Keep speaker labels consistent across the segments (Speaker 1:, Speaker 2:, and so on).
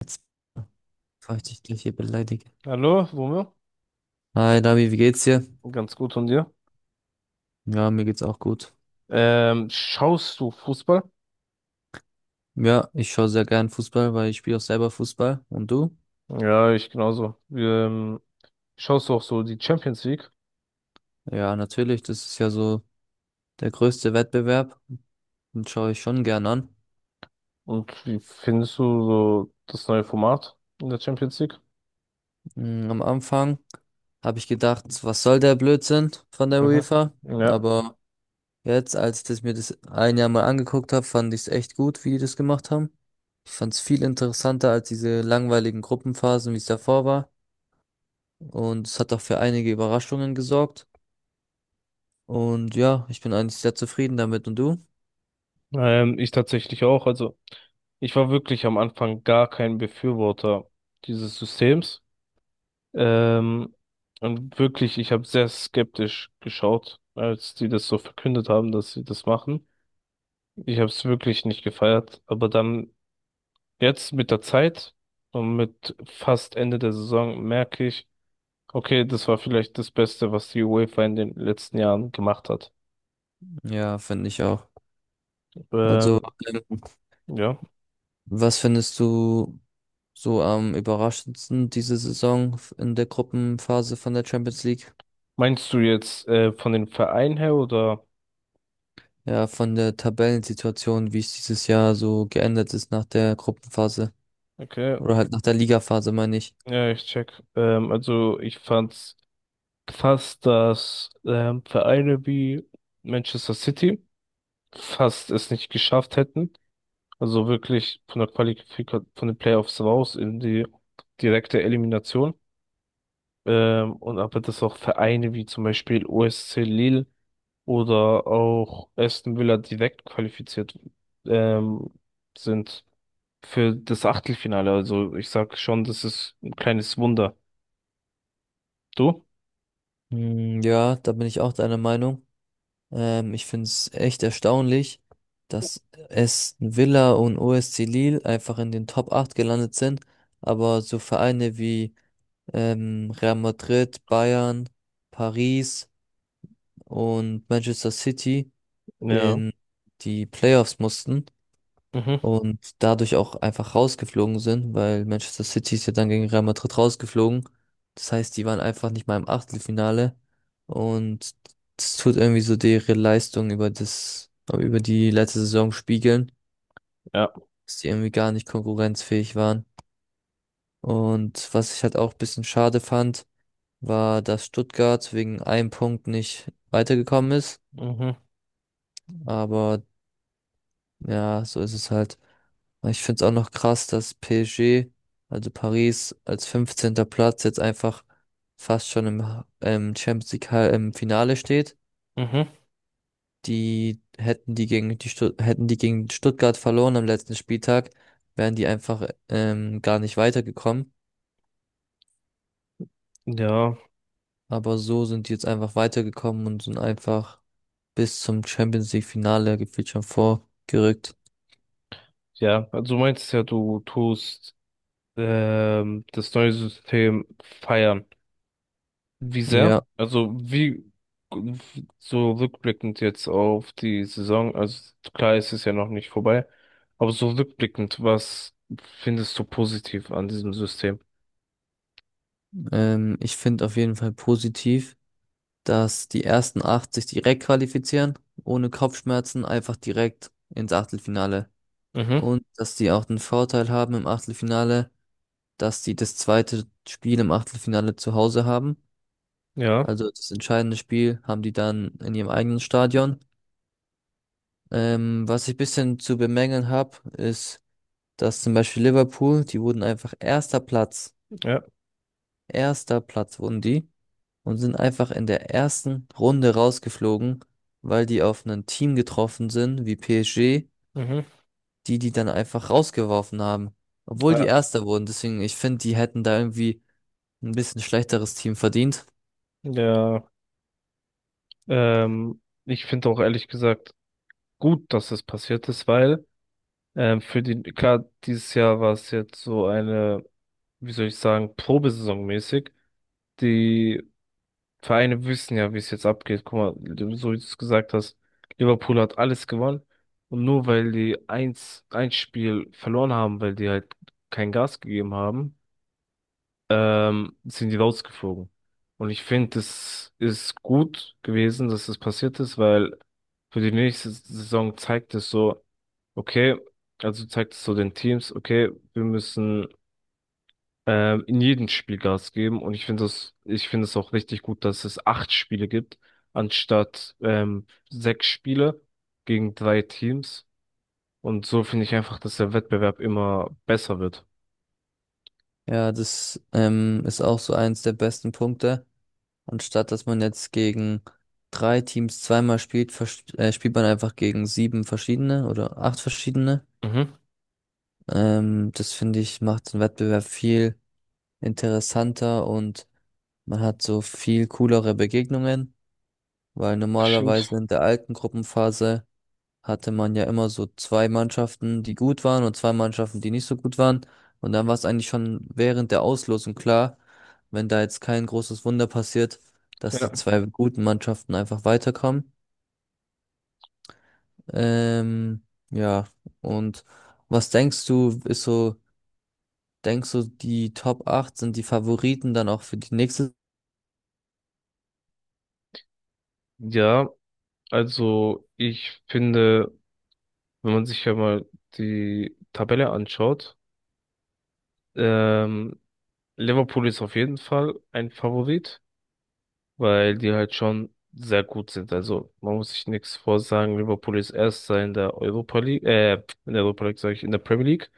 Speaker 1: Jetzt, bevor ich dich gleich hier beleidige.
Speaker 2: Hallo, Romeo.
Speaker 1: Hi, Davi, wie geht's dir?
Speaker 2: Ganz gut von dir.
Speaker 1: Ja, mir geht's auch gut.
Speaker 2: Schaust du Fußball?
Speaker 1: Ja, ich schaue sehr gern Fußball, weil ich spiele auch selber Fußball. Und du?
Speaker 2: Ja, ich genauso. Schaust du auch so die Champions League?
Speaker 1: Ja, natürlich, das ist ja so der größte Wettbewerb. Den schaue ich schon gern an.
Speaker 2: Und wie findest du so das neue Format in der Champions League?
Speaker 1: Mm, am Anfang habe ich gedacht, was soll der Blödsinn von der
Speaker 2: Mhm.
Speaker 1: UEFA?
Speaker 2: Ja,
Speaker 1: Aber jetzt, als ich das mir das ein Jahr mal angeguckt habe, fand ich es echt gut, wie die das gemacht haben. Ich fand es viel interessanter als diese langweiligen Gruppenphasen, wie es davor war. Und es hat auch für einige Überraschungen gesorgt. Und ja, ich bin eigentlich sehr zufrieden damit. Und du?
Speaker 2: ich tatsächlich auch. Also ich war wirklich am Anfang gar kein Befürworter dieses Systems. Ähm, und wirklich, ich habe sehr skeptisch geschaut, als die das so verkündet haben, dass sie das machen. Ich habe es wirklich nicht gefeiert, aber dann jetzt mit der Zeit und mit fast Ende der Saison merke ich, okay, das war vielleicht das Beste, was die UEFA in den letzten Jahren gemacht hat.
Speaker 1: Ja, finde ich auch.
Speaker 2: Ähm,
Speaker 1: Also, ähm,
Speaker 2: ja.
Speaker 1: was findest du so am überraschendsten diese Saison in der Gruppenphase von der Champions League?
Speaker 2: Meinst du jetzt von den Vereinen her oder?
Speaker 1: Ja, von der Tabellensituation, wie es dieses Jahr so geändert ist nach der Gruppenphase,
Speaker 2: Okay,
Speaker 1: oder halt nach der Ligaphase, meine ich.
Speaker 2: ja, ich check. Also ich fand's krass, dass Vereine wie Manchester City fast es nicht geschafft hätten. Also wirklich von der Qualifikation, von den Playoffs raus in die direkte Elimination. Und aber dass auch Vereine wie zum Beispiel OSC Lille oder auch Aston Villa direkt qualifiziert ähm, sind für das Achtelfinale. Also ich sag schon, das ist ein kleines Wunder. Du?
Speaker 1: Hm, ja, da bin ich auch deiner Meinung. Ich finde es echt erstaunlich, dass Aston Villa und OSC Lille einfach in den Top 8 gelandet sind, aber so Vereine wie Real Madrid, Bayern, Paris und Manchester City
Speaker 2: Ja.
Speaker 1: in die Playoffs mussten
Speaker 2: Mhm.
Speaker 1: und dadurch auch einfach rausgeflogen sind, weil Manchester City ist ja dann gegen Real Madrid rausgeflogen. Das heißt, die waren einfach nicht mal im Achtelfinale und das tut irgendwie so ihre Leistung über über die letzte Saison spiegeln,
Speaker 2: Ja.
Speaker 1: dass die irgendwie gar nicht konkurrenzfähig waren. Und was ich halt auch ein bisschen schade fand, war, dass Stuttgart wegen einem Punkt nicht weitergekommen ist.
Speaker 2: Mhm.
Speaker 1: Aber ja, so ist es halt. Aber ich finde es auch noch krass, dass PSG, also Paris, als fünfzehnter Platz jetzt einfach fast schon im Champions League im Finale steht.
Speaker 2: Mhm.
Speaker 1: Die hätten die gegen die Stutt Hätten die gegen Stuttgart verloren am letzten Spieltag, wären die einfach gar nicht weitergekommen.
Speaker 2: Ja.
Speaker 1: Aber so sind die jetzt einfach weitergekommen und sind einfach bis zum Champions League Finale gefühlt schon vorgerückt.
Speaker 2: Ja. Also du meinst ja, du tust das neue System feiern. Wie sehr?
Speaker 1: Ja,
Speaker 2: Also wie so rückblickend jetzt auf die Saison, also klar, es ist ja noch nicht vorbei, aber so rückblickend, was findest du positiv an diesem System?
Speaker 1: ich finde auf jeden Fall positiv, dass die ersten acht sich direkt qualifizieren, ohne Kopfschmerzen, einfach direkt ins Achtelfinale.
Speaker 2: Mhm,
Speaker 1: Und dass die auch den Vorteil haben im Achtelfinale, dass die das zweite Spiel im Achtelfinale zu Hause haben.
Speaker 2: ja,
Speaker 1: Also das entscheidende Spiel haben die dann in ihrem eigenen Stadion. Was ich bisschen zu bemängeln habe, ist, dass zum Beispiel Liverpool, die wurden einfach
Speaker 2: ja,
Speaker 1: erster Platz wurden die. Und sind einfach in der ersten Runde rausgeflogen, weil die auf ein Team getroffen sind, wie PSG,
Speaker 2: mhm,
Speaker 1: die dann einfach rausgeworfen haben, obwohl die
Speaker 2: ja,
Speaker 1: Erster wurden. Deswegen, ich finde, die hätten da irgendwie ein bisschen schlechteres Team verdient.
Speaker 2: ja, ich finde auch ehrlich gesagt gut, dass es passiert ist, weil für die, klar, dieses Jahr war es jetzt so eine, wie soll ich sagen, Probesaison mäßig, die Vereine wissen ja, wie es jetzt abgeht. Guck mal, so wie du es gesagt hast, Liverpool hat alles gewonnen. Und nur weil die eins, ein Spiel verloren haben, weil die halt kein Gas gegeben haben, sind die rausgeflogen. Und ich finde, es ist gut gewesen, dass das passiert ist, weil für die nächste Saison zeigt es so, okay, also zeigt es so den Teams, okay, wir müssen in jedem Spiel Gas geben. Und ich finde es auch richtig gut, dass es 8 Spiele gibt, anstatt 6 Spiele gegen drei Teams. Und so finde ich einfach, dass der Wettbewerb immer besser wird.
Speaker 1: Ja, das ist auch so eins der besten Punkte. Anstatt dass man jetzt gegen drei Teams zweimal spielt, spielt man einfach gegen sieben verschiedene oder acht verschiedene.
Speaker 2: Mhm.
Speaker 1: Das finde ich macht den Wettbewerb viel interessanter, und man hat so viel coolere Begegnungen, weil
Speaker 2: Das stimmt.
Speaker 1: normalerweise in der alten Gruppenphase hatte man ja immer so zwei Mannschaften, die gut waren und zwei Mannschaften, die nicht so gut waren. Und dann war es eigentlich schon während der Auslosung klar, wenn da jetzt kein großes Wunder passiert, dass
Speaker 2: Ja.
Speaker 1: die zwei guten Mannschaften einfach weiterkommen. Ähm, ja, und was denkst du, denkst du, die Top 8 sind die Favoriten dann auch für die nächste?
Speaker 2: Ja, also ich finde, wenn man sich ja mal die Tabelle anschaut, ähm, Liverpool ist auf jeden Fall ein Favorit, weil die halt schon sehr gut sind. Also man muss sich nichts vorsagen. Liverpool ist Erster in der Europa League, in der Premier League.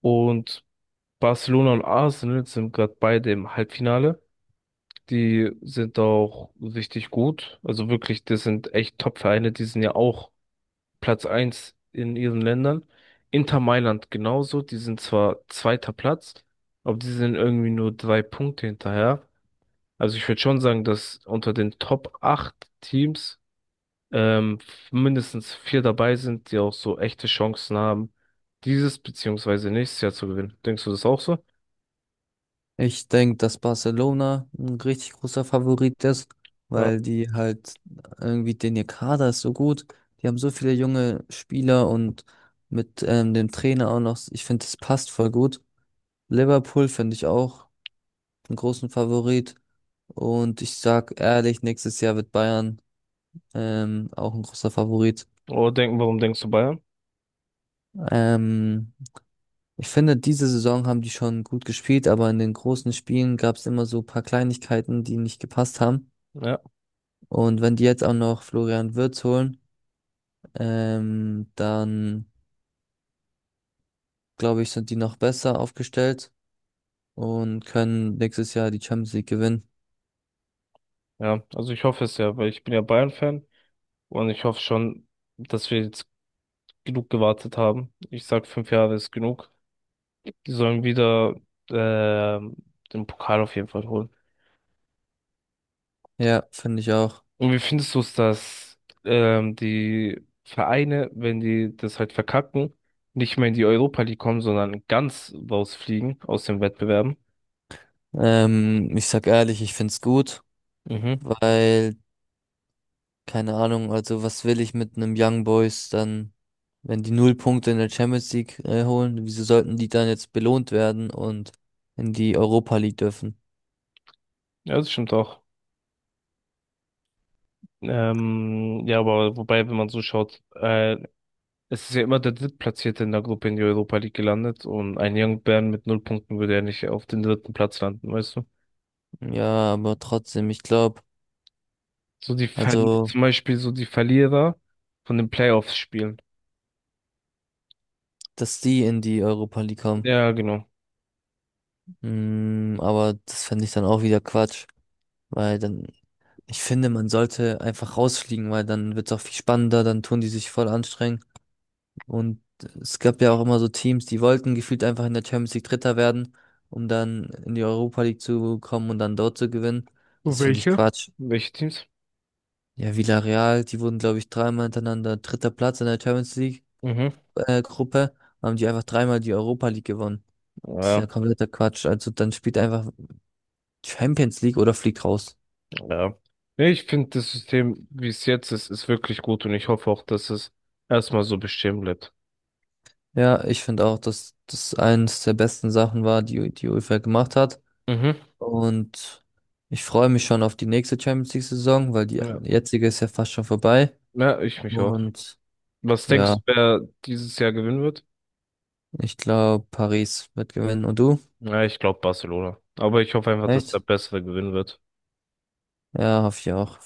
Speaker 2: Und Barcelona und Arsenal sind gerade beide im Halbfinale. Die sind auch richtig gut. Also wirklich, das sind echt Top-Vereine. Die sind ja auch Platz eins in ihren Ländern. Inter Mailand genauso. Die sind zwar zweiter Platz, aber die sind irgendwie nur 3 Punkte hinterher. Also ich würde schon sagen, dass unter den Top 8 Teams ähm, mindestens vier dabei sind, die auch so echte Chancen haben, dieses beziehungsweise nächstes Jahr zu gewinnen. Denkst du das auch so?
Speaker 1: Ich denke, dass Barcelona ein richtig großer Favorit ist,
Speaker 2: Ja.
Speaker 1: weil die halt irgendwie, den ihr Kader ist so gut. Die haben so viele junge Spieler und mit dem Trainer auch noch, ich finde, das passt voll gut. Liverpool finde ich auch einen großen Favorit. Und ich sag ehrlich, nächstes Jahr wird Bayern auch ein großer Favorit.
Speaker 2: Warum denkst du Bayern?
Speaker 1: Ähm, Ich finde, diese Saison haben die schon gut gespielt, aber in den großen Spielen gab es immer so ein paar Kleinigkeiten, die nicht gepasst haben.
Speaker 2: Ja,
Speaker 1: Und wenn die jetzt auch noch Florian Wirtz holen, dann glaube ich, sind die noch besser aufgestellt und können nächstes Jahr die Champions League gewinnen.
Speaker 2: ja. Also ich hoffe es ja, weil ich bin ja Bayern-Fan und ich hoffe schon, dass wir jetzt genug gewartet haben. Ich sag, 5 Jahre ist genug. Die sollen wieder ähm, den Pokal auf jeden Fall holen.
Speaker 1: Ja, finde ich auch.
Speaker 2: Und wie findest du es, dass die Vereine, wenn die das halt verkacken, nicht mehr in die Europa League kommen, sondern ganz rausfliegen aus den Wettbewerben?
Speaker 1: Ich sag ehrlich, ich find's gut,
Speaker 2: Mhm.
Speaker 1: weil, keine Ahnung, also was will ich mit einem Young Boys dann, wenn die null Punkte in der Champions League holen, wieso sollten die dann jetzt belohnt werden und in die Europa League dürfen?
Speaker 2: Ja, das stimmt auch. Ja, aber wobei, wenn man so schaut, es ist ja immer der Drittplatzierte in der Gruppe in die Europa League gelandet und ein Young Bern mit 0 Punkten würde ja nicht auf den dritten Platz landen, weißt du?
Speaker 1: Ja, aber trotzdem, ich glaube,
Speaker 2: So die Ver
Speaker 1: also,
Speaker 2: zum Beispiel so die Verlierer von den Playoffs spielen.
Speaker 1: dass die in die Europa League kommen.
Speaker 2: Ja, genau.
Speaker 1: Mm, aber das fände ich dann auch wieder Quatsch, weil dann, ich finde, man sollte einfach rausfliegen, weil dann wird es auch viel spannender, dann tun die sich voll anstrengen. Und es gab ja auch immer so Teams, die wollten gefühlt einfach in der Champions League Dritter werden, um dann in die Europa League zu kommen und dann dort zu gewinnen.
Speaker 2: Und
Speaker 1: Das finde ich
Speaker 2: welche?
Speaker 1: Quatsch.
Speaker 2: Welche Teams?
Speaker 1: Ja, Villarreal, die wurden, glaube ich, dreimal hintereinander dritter Platz in der Champions League
Speaker 2: Mhm.
Speaker 1: Gruppe, haben die einfach dreimal die Europa League gewonnen. Das ist ja
Speaker 2: Ja,
Speaker 1: kompletter Quatsch. Also dann spielt einfach Champions League oder fliegt raus.
Speaker 2: ja. Nee, ich finde das System, wie es jetzt ist, ist wirklich gut und ich hoffe auch, dass es erstmal so bestehen bleibt.
Speaker 1: Ja, ich finde auch, dass das eines der besten Sachen war, die die UEFA gemacht hat.
Speaker 2: Mhm.
Speaker 1: Und ich freue mich schon auf die nächste Champions League-Saison, weil die
Speaker 2: Ja.
Speaker 1: jetzige ist ja fast schon vorbei.
Speaker 2: Ja, ich mich auch.
Speaker 1: Und
Speaker 2: Was
Speaker 1: ja,
Speaker 2: denkst du, wer dieses Jahr gewinnen wird?
Speaker 1: ich glaube, Paris wird gewinnen. Und du?
Speaker 2: Ja, ich glaube Barcelona. Aber ich hoffe einfach, dass der
Speaker 1: Echt?
Speaker 2: Bessere gewinnen wird.
Speaker 1: Ja, hoffe ich auch.